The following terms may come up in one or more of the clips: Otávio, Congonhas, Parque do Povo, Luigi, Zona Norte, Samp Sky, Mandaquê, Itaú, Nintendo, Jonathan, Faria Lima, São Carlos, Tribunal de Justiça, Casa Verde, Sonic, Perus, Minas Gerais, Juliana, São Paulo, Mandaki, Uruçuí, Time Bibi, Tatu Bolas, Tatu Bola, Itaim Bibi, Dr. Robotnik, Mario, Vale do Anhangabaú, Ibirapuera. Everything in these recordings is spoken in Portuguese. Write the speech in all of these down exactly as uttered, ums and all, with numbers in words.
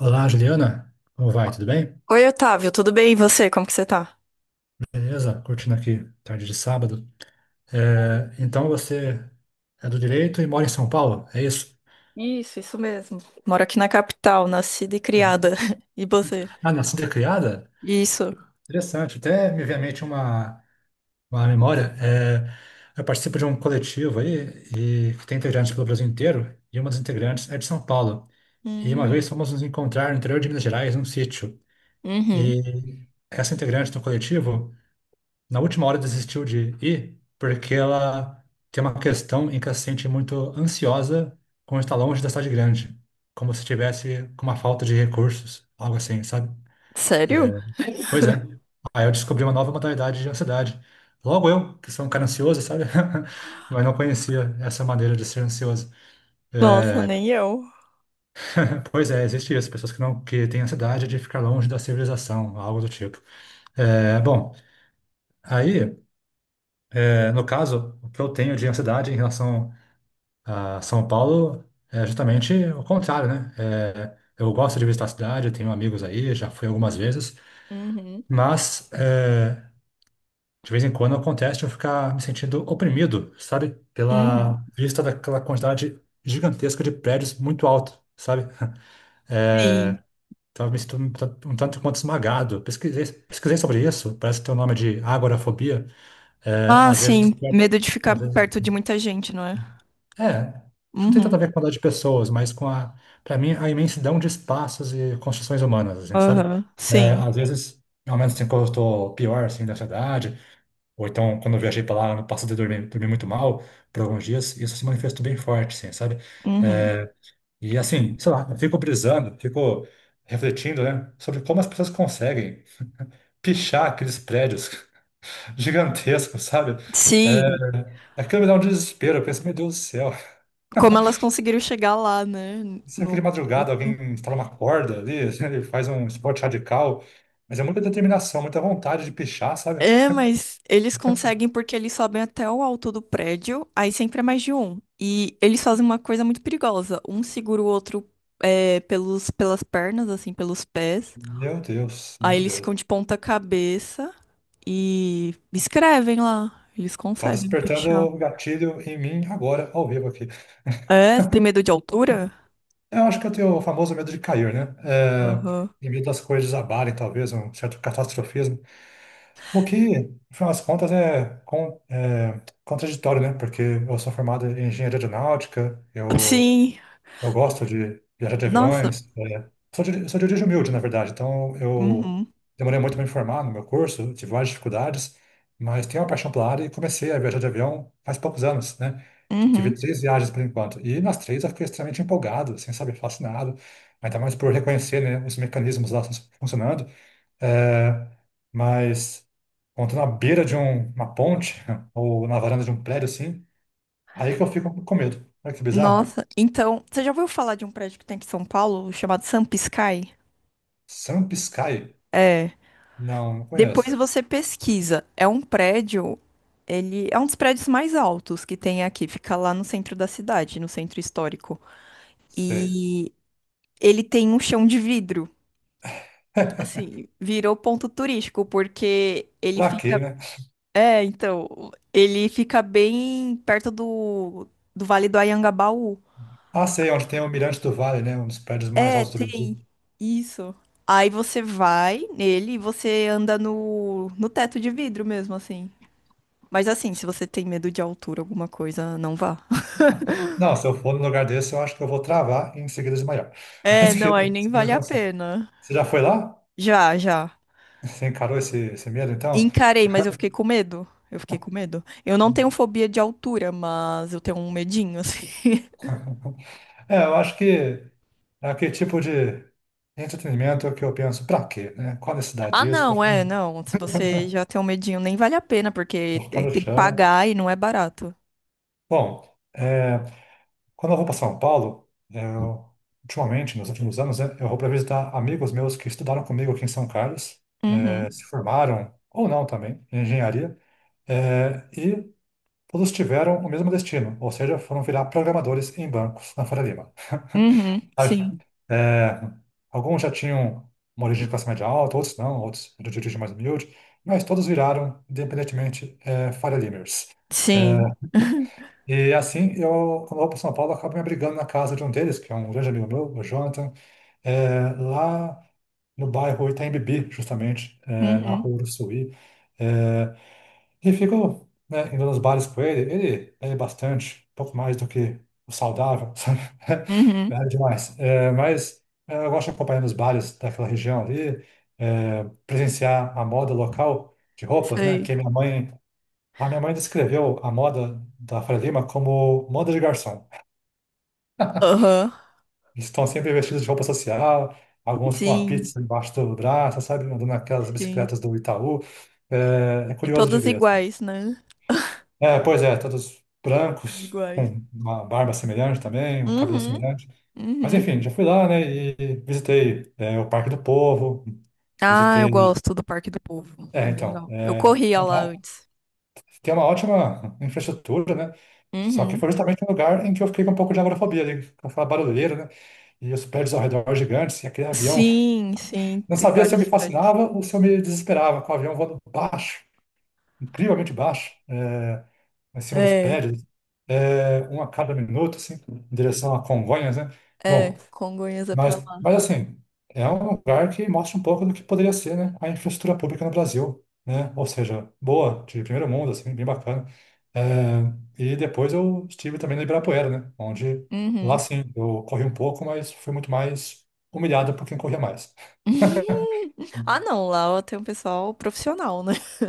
Olá, Juliana. Como vai? Tudo bem? Oi, Otávio, tudo bem? E você? Como que você tá? Beleza? Curtindo aqui, tarde de sábado. É, então você é do direito e mora em São Paulo, é isso? Isso, isso mesmo. Moro aqui na capital, nascida e criada. E você? Ah, nascida e criada? Isso. Interessante. Até me vem à mente uma, uma memória. É, eu participo de um coletivo aí e que tem integrantes pelo Brasil inteiro, e uma das integrantes é de São Paulo. E uma vez Hum, fomos nos encontrar no interior de Minas Gerais, num sítio. uhum. E essa integrante do coletivo na última hora desistiu de ir porque ela tem uma questão em que ela se sente muito ansiosa quando está longe da cidade grande, como se tivesse com uma falta de recursos, algo assim, sabe? É, Sério? pois é. Aí eu descobri uma nova modalidade de ansiedade. Logo eu, que sou um cara ansioso, sabe? Mas não conhecia essa maneira de ser ansioso. Nossa, nem eu. Pois é, existe isso. Pessoas que não que têm ansiedade de ficar longe da civilização, algo do tipo. É, bom, aí, é, no caso, o que eu tenho de ansiedade em relação a São Paulo é justamente o contrário, né? É, eu gosto de visitar a cidade, eu tenho amigos aí, já fui algumas vezes, Uhum, mas é, de vez em quando acontece de eu ficar me sentindo oprimido, sabe? uhum. Pela vista daquela quantidade gigantesca de prédios muito alto, sabe? É, Sim. então eu me sinto um tanto um tanto quanto esmagado. Pesquisei, pesquisei sobre isso, parece que tem o nome de agorafobia. É, Ah, às vezes, sim. desperta- Medo de ficar às vezes, perto de muita gente, não é? é, isso não tem tanto a Uhum. ver com a quantidade de pessoas, mas com a, para mim, a imensidão de espaços e construções humanas, assim, sabe? Aham. É, Sim. às vezes, ao menos assim, quando eu estou pior, assim, da ansiedade, ou então quando eu viajei para lá no passado e dormi, dormi muito mal por alguns dias, isso se manifestou bem forte, assim, sabe? Uhum. É, e assim, sei lá, eu fico brisando, fico refletindo, né, sobre como as pessoas conseguem pichar aqueles prédios gigantescos, sabe? É, Sim. aquilo me dá um desespero, eu penso, meu Deus do céu. Como elas conseguiram chegar lá, né? Sempre No... de madrugada alguém instala uma corda ali, ele faz um esporte radical, mas é muita determinação, muita vontade de pichar, sabe? É, mas eles conseguem porque eles sobem até o alto do prédio, aí sempre é mais de um. E eles fazem uma coisa muito perigosa. Um segura o outro é, pelos, pelas pernas, assim, pelos pés. Meu Deus, Aí meu eles Deus. ficam de ponta cabeça e escrevem lá. Eles Tá conseguem despertando pichar. o gatilho em mim agora, ao vivo aqui. É, você tem medo de altura? Eu acho que eu tenho o famoso medo de cair, né? É, Aham. e medo das coisas desabarem, talvez, um certo catastrofismo. O que, no final das contas, é, con- é contraditório, né? Porque eu sou formado em engenharia aeronáutica, eu Sim. Eu gosto de viajar de Nossa. aviões. É. Sou de, sou de origem humilde, na verdade. Então, eu Uhum. demorei muito para me formar no meu curso, tive várias dificuldades, mas tenho uma paixão pela área e comecei a viajar de avião faz poucos anos, né? Tive Uhum. três viagens por enquanto. E nas três eu fiquei extremamente empolgado, assim, sabe, fascinado. Ainda mais por reconhecer, né, os mecanismos lá fun- funcionando. É, mas, quando na beira de um- uma ponte ou na varanda de um prédio, assim, aí que eu fico com medo. Olha que bizarro. Nossa. Então, você já ouviu falar de um prédio que tem aqui em São Paulo chamado Samp Sky? Sun Sky. É. Não, não Depois conheço. você pesquisa. É um prédio, ele é um dos prédios mais altos que tem aqui, fica lá no centro da cidade, no centro histórico. Sei. E ele tem um chão de vidro. Então, assim, virou ponto turístico, porque ele Pra quê, fica. né? É, então, ele fica bem perto do, do Vale do Anhangabaú. Ah, sei, onde tem o Mirante do Vale, né? Um dos prédios mais É, altos do Brasil. tem isso. Aí você vai nele e você anda no, no teto de vidro mesmo, assim. Mas assim, se você tem medo de altura, alguma coisa, não vá. Não, se eu for num lugar desse, eu acho que eu vou travar e em seguida desmaiar. É, Mas que- não, aí nem isso não vale a acontece. pena. Você já foi lá? Já, já. Você encarou esse, esse medo, então? Encarei, mas eu fiquei com medo. Eu fiquei com medo. Eu não tenho fobia de altura, mas eu tenho um medinho, assim. É, eu acho que é aquele tipo de entretenimento que eu penso, pra quê, né? Qual a necessidade Ah, disso? Vou não, ficar é, no não. Se você já tem um medinho, nem vale a pena, porque é- Vou ficar tem no que chão. pagar e não é barato. Bom, é, quando eu vou para São Paulo, eu, ultimamente, nos últimos anos, né, eu vou para visitar amigos meus que estudaram comigo aqui em São Carlos, eh, se Uhum. formaram, ou não também, em engenharia, eh, e todos tiveram o mesmo destino, ou seja, foram virar programadores em bancos na Faria Lima. Uhum. Sabe? Sim. É, alguns já tinham uma origem de classe média alta, outros não, outros de origem mais humilde, mas todos viraram, independentemente, é, Faria Limers. Sim. É, e assim, eu, quando eu vou para São Paulo, eu acabo me abrigando na casa de um deles, que é um grande amigo meu, o Jonathan, é, lá no bairro Itaim Bibi, justamente, é, na Uhum. rua Uruçuí. É, e fico, né, indo nos bares com ele. Ele bebe bastante, um pouco mais do que o saudável, sabe? Uhum. Bebe demais. É, mas é, eu gosto de acompanhar nos bares daquela região ali, é, presenciar a moda local de roupas, né? Que Sei. minha mãe a minha mãe descreveu a moda da Faria Lima como moda de garçom. Aham. Eles estão sempre vestidos de roupa social, alguns com a Sim. pizza embaixo do braço, sabe? Andando naquelas Sim. bicicletas do Itaú. É, é E curioso de todas ver, assim. iguais, né? É, pois é, todos Todas brancos, iguais. com uma barba semelhante também, um cabelo Uhum. semelhante. Mas Uhum. enfim, já fui lá, né, e visitei, é, o Parque do Povo, Ah, eu visitei... gosto do Parque do Povo. É É, bem então, legal. Eu é, corria lá fantástico. antes. Tem uma ótima infraestrutura, né? Só que Uhum. foi justamente um lugar em que eu fiquei com um pouco de agorafobia ali, com aquela barulheira, né? E os prédios ao redor gigantes, e aquele avião. Sim, sim, Não tem sabia se eu me vários prédios. fascinava ou se eu me desesperava com o avião voando baixo, incrivelmente baixo, é, em cima dos É, prédios, é, um a cada minuto, assim, em direção a Congonhas, né? Bom. é, Congonhas é Mas, pra lá. mas assim, é um lugar que mostra um pouco do que poderia ser, né, a infraestrutura pública no Brasil, né? Ou seja, boa, de primeiro mundo, assim, bem bacana. É, e depois eu estive também no Ibirapuera, né? Onde lá Uhum. sim, eu corri um pouco, mas fui muito mais humilhado por quem corria mais. Ah, não, lá eu um pessoal profissional, né?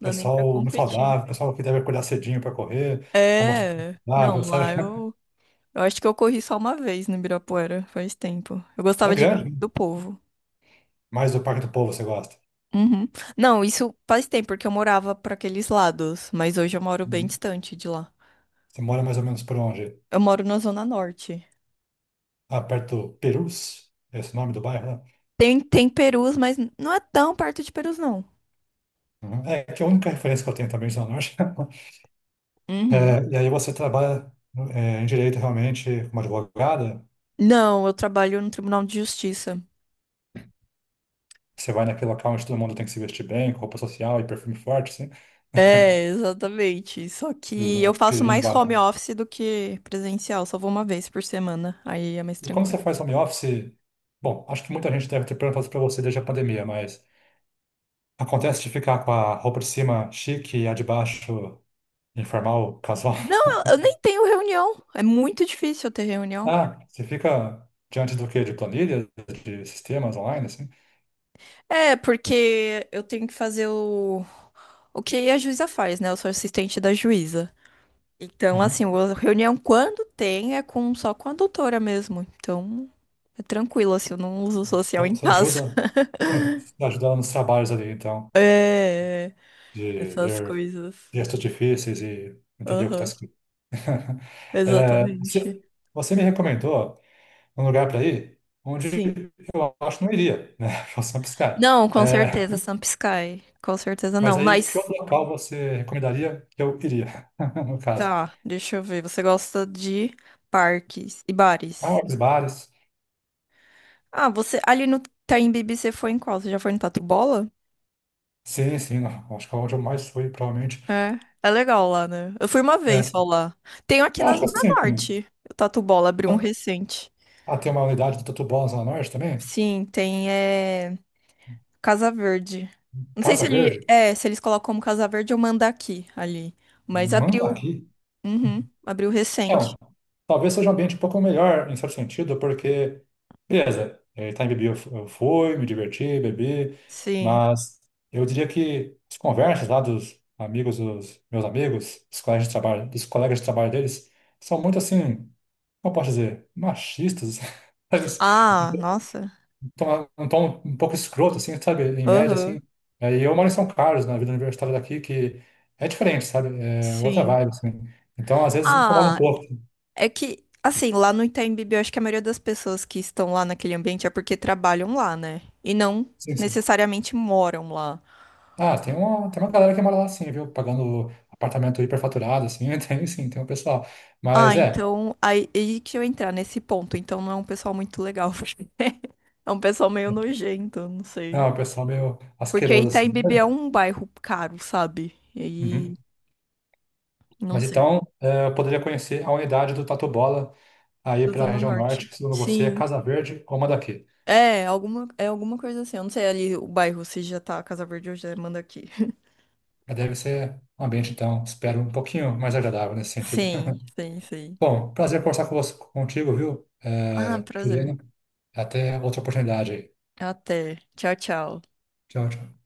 Não dá nem pra Pessoal muito competir. saudável, pessoal que deve acordar cedinho para correr, para mostrar que É, é não, saudável, lá sabe? eu, eu acho que eu corri só uma vez no Ibirapuera, faz tempo. Eu É gostava de grande, né? do povo. Mas do Parque do Povo você gosta. Uhum. Não, isso faz tempo, porque eu morava pra aqueles lados, mas hoje eu moro bem Uhum. distante de lá. Você mora mais ou menos por onde? Eu moro na Zona Norte. Ah, perto do Perus, esse é nome do bairro, né? Tem, tem Perus, mas não é tão perto de Perus, não. Uhum. É que a única referência que eu tenho também de Zona Norte. Uhum. É, e aí você trabalha é, em direito realmente como advogada, Não, eu trabalho no Tribunal de Justiça. você vai naquele local onde todo mundo tem que se vestir bem, com roupa social e perfume forte, assim, É, exatamente. Só e que usar eu faço aquele vinho mais home embaixo. office do que presencial. Só vou uma vez por semana. Aí é mais E como você tranquilo. faz home office, bom, acho que muita gente deve ter perguntado para você desde a pandemia, mas acontece de ficar com a roupa de cima chique e a de baixo informal, casual? Não, eu, eu nem tenho reunião. É muito difícil eu ter reunião. Ah, você fica diante do quê? De planilhas, de sistemas online, assim? É, porque eu tenho que fazer o, o que a juíza faz, né? Eu sou assistente da juíza. Então, assim, Uhum. a reunião quando tem é com só com a doutora mesmo. Então, é tranquilo, assim, eu não uso social Então, em você casa. ajuda. Ajudar nos trabalhos ali, então, É, de essas ler coisas. textos difíceis e entender o que está Aham, escrito. É, exatamente. você, você me recomendou um lugar para ir onde Sim. eu acho que não iria, né? Eu sou um piscar. Não, com É, certeza, Sampisky. Com certeza mas não. aí, que Mas, outro local você recomendaria que eu iria, no caso? tá, deixa eu ver. Você gosta de parques e Ah, bares? os bares. Ah, você ali no Time Bibi você foi em qual? Você já foi no Tatu Bola? Sim, sim, não, acho que é onde eu mais fui, provavelmente. É, é legal lá, né? Eu fui uma É, vez só lá. Tenho aqui eu na acho que Zona assim, Norte. O Tatu Bola abriu um recente. ah, tem uma unidade do Tatu Bolas lá no norte também, Sim, tem é, Casa Verde. Não sei se Casa ele Verde, é, se eles colocam como Casa Verde ou Mandaki ali, mas manda abriu. aqui. Uhum, abriu Então, recente. talvez seja um ambiente um pouco melhor, em certo sentido, porque, beleza, eh, tá em bebi eu fu- eu fui, me diverti, bebi, Sim. mas eu diria que as conversas lá dos amigos dos meus amigos, dos colegas de trabalho, dos colegas de trabalho deles, são muito assim, como eu posso dizer, machistas, sabe? Ah, Um nossa. tom um tom um pouco escroto, assim, sabe? Em média, Aham. assim. Eh, E eu moro em São Carlos, na vida universitária daqui, que é diferente, sabe? É outra Sim. vibe, assim. Então, às vezes me incomoda um Ah, pouco. é que assim, lá no Itaim Bibi, eu acho que a maioria das pessoas que estão lá naquele ambiente é porque trabalham lá, né? E não Sim, sim. necessariamente moram lá. Ah, tem uma, tem uma galera que mora lá sim, viu? Pagando apartamento hiperfaturado, assim, tem sim, tem um pessoal. Ah, Mas é, então aí, aí que eu entrar nesse ponto. Então não é um pessoal muito legal, porque é um pessoal meio nojento, não sei. não, o pessoal meio Porque asqueroso, assim. Itaimbibi é Mas- um bairro caro, sabe? E aí, uhum. não Mas sei. então, eh, eu poderia conhecer a unidade do Tatu Bola aí Da para a Zona região norte, Norte. que segundo você é Sim. Casa Verde ou Mandaquê. É, alguma, é alguma coisa assim. Eu não sei ali o bairro, se já tá Casa Verde ou já manda aqui. Mas deve ser um ambiente, então, espero um pouquinho mais agradável nesse sentido. Sim, sim, sim. Bom, prazer conversar com você, contigo, viu, Ah, eh, prazer. Juliana? Até outra oportunidade aí. Até. Tchau, tchau. Tchau, tchau.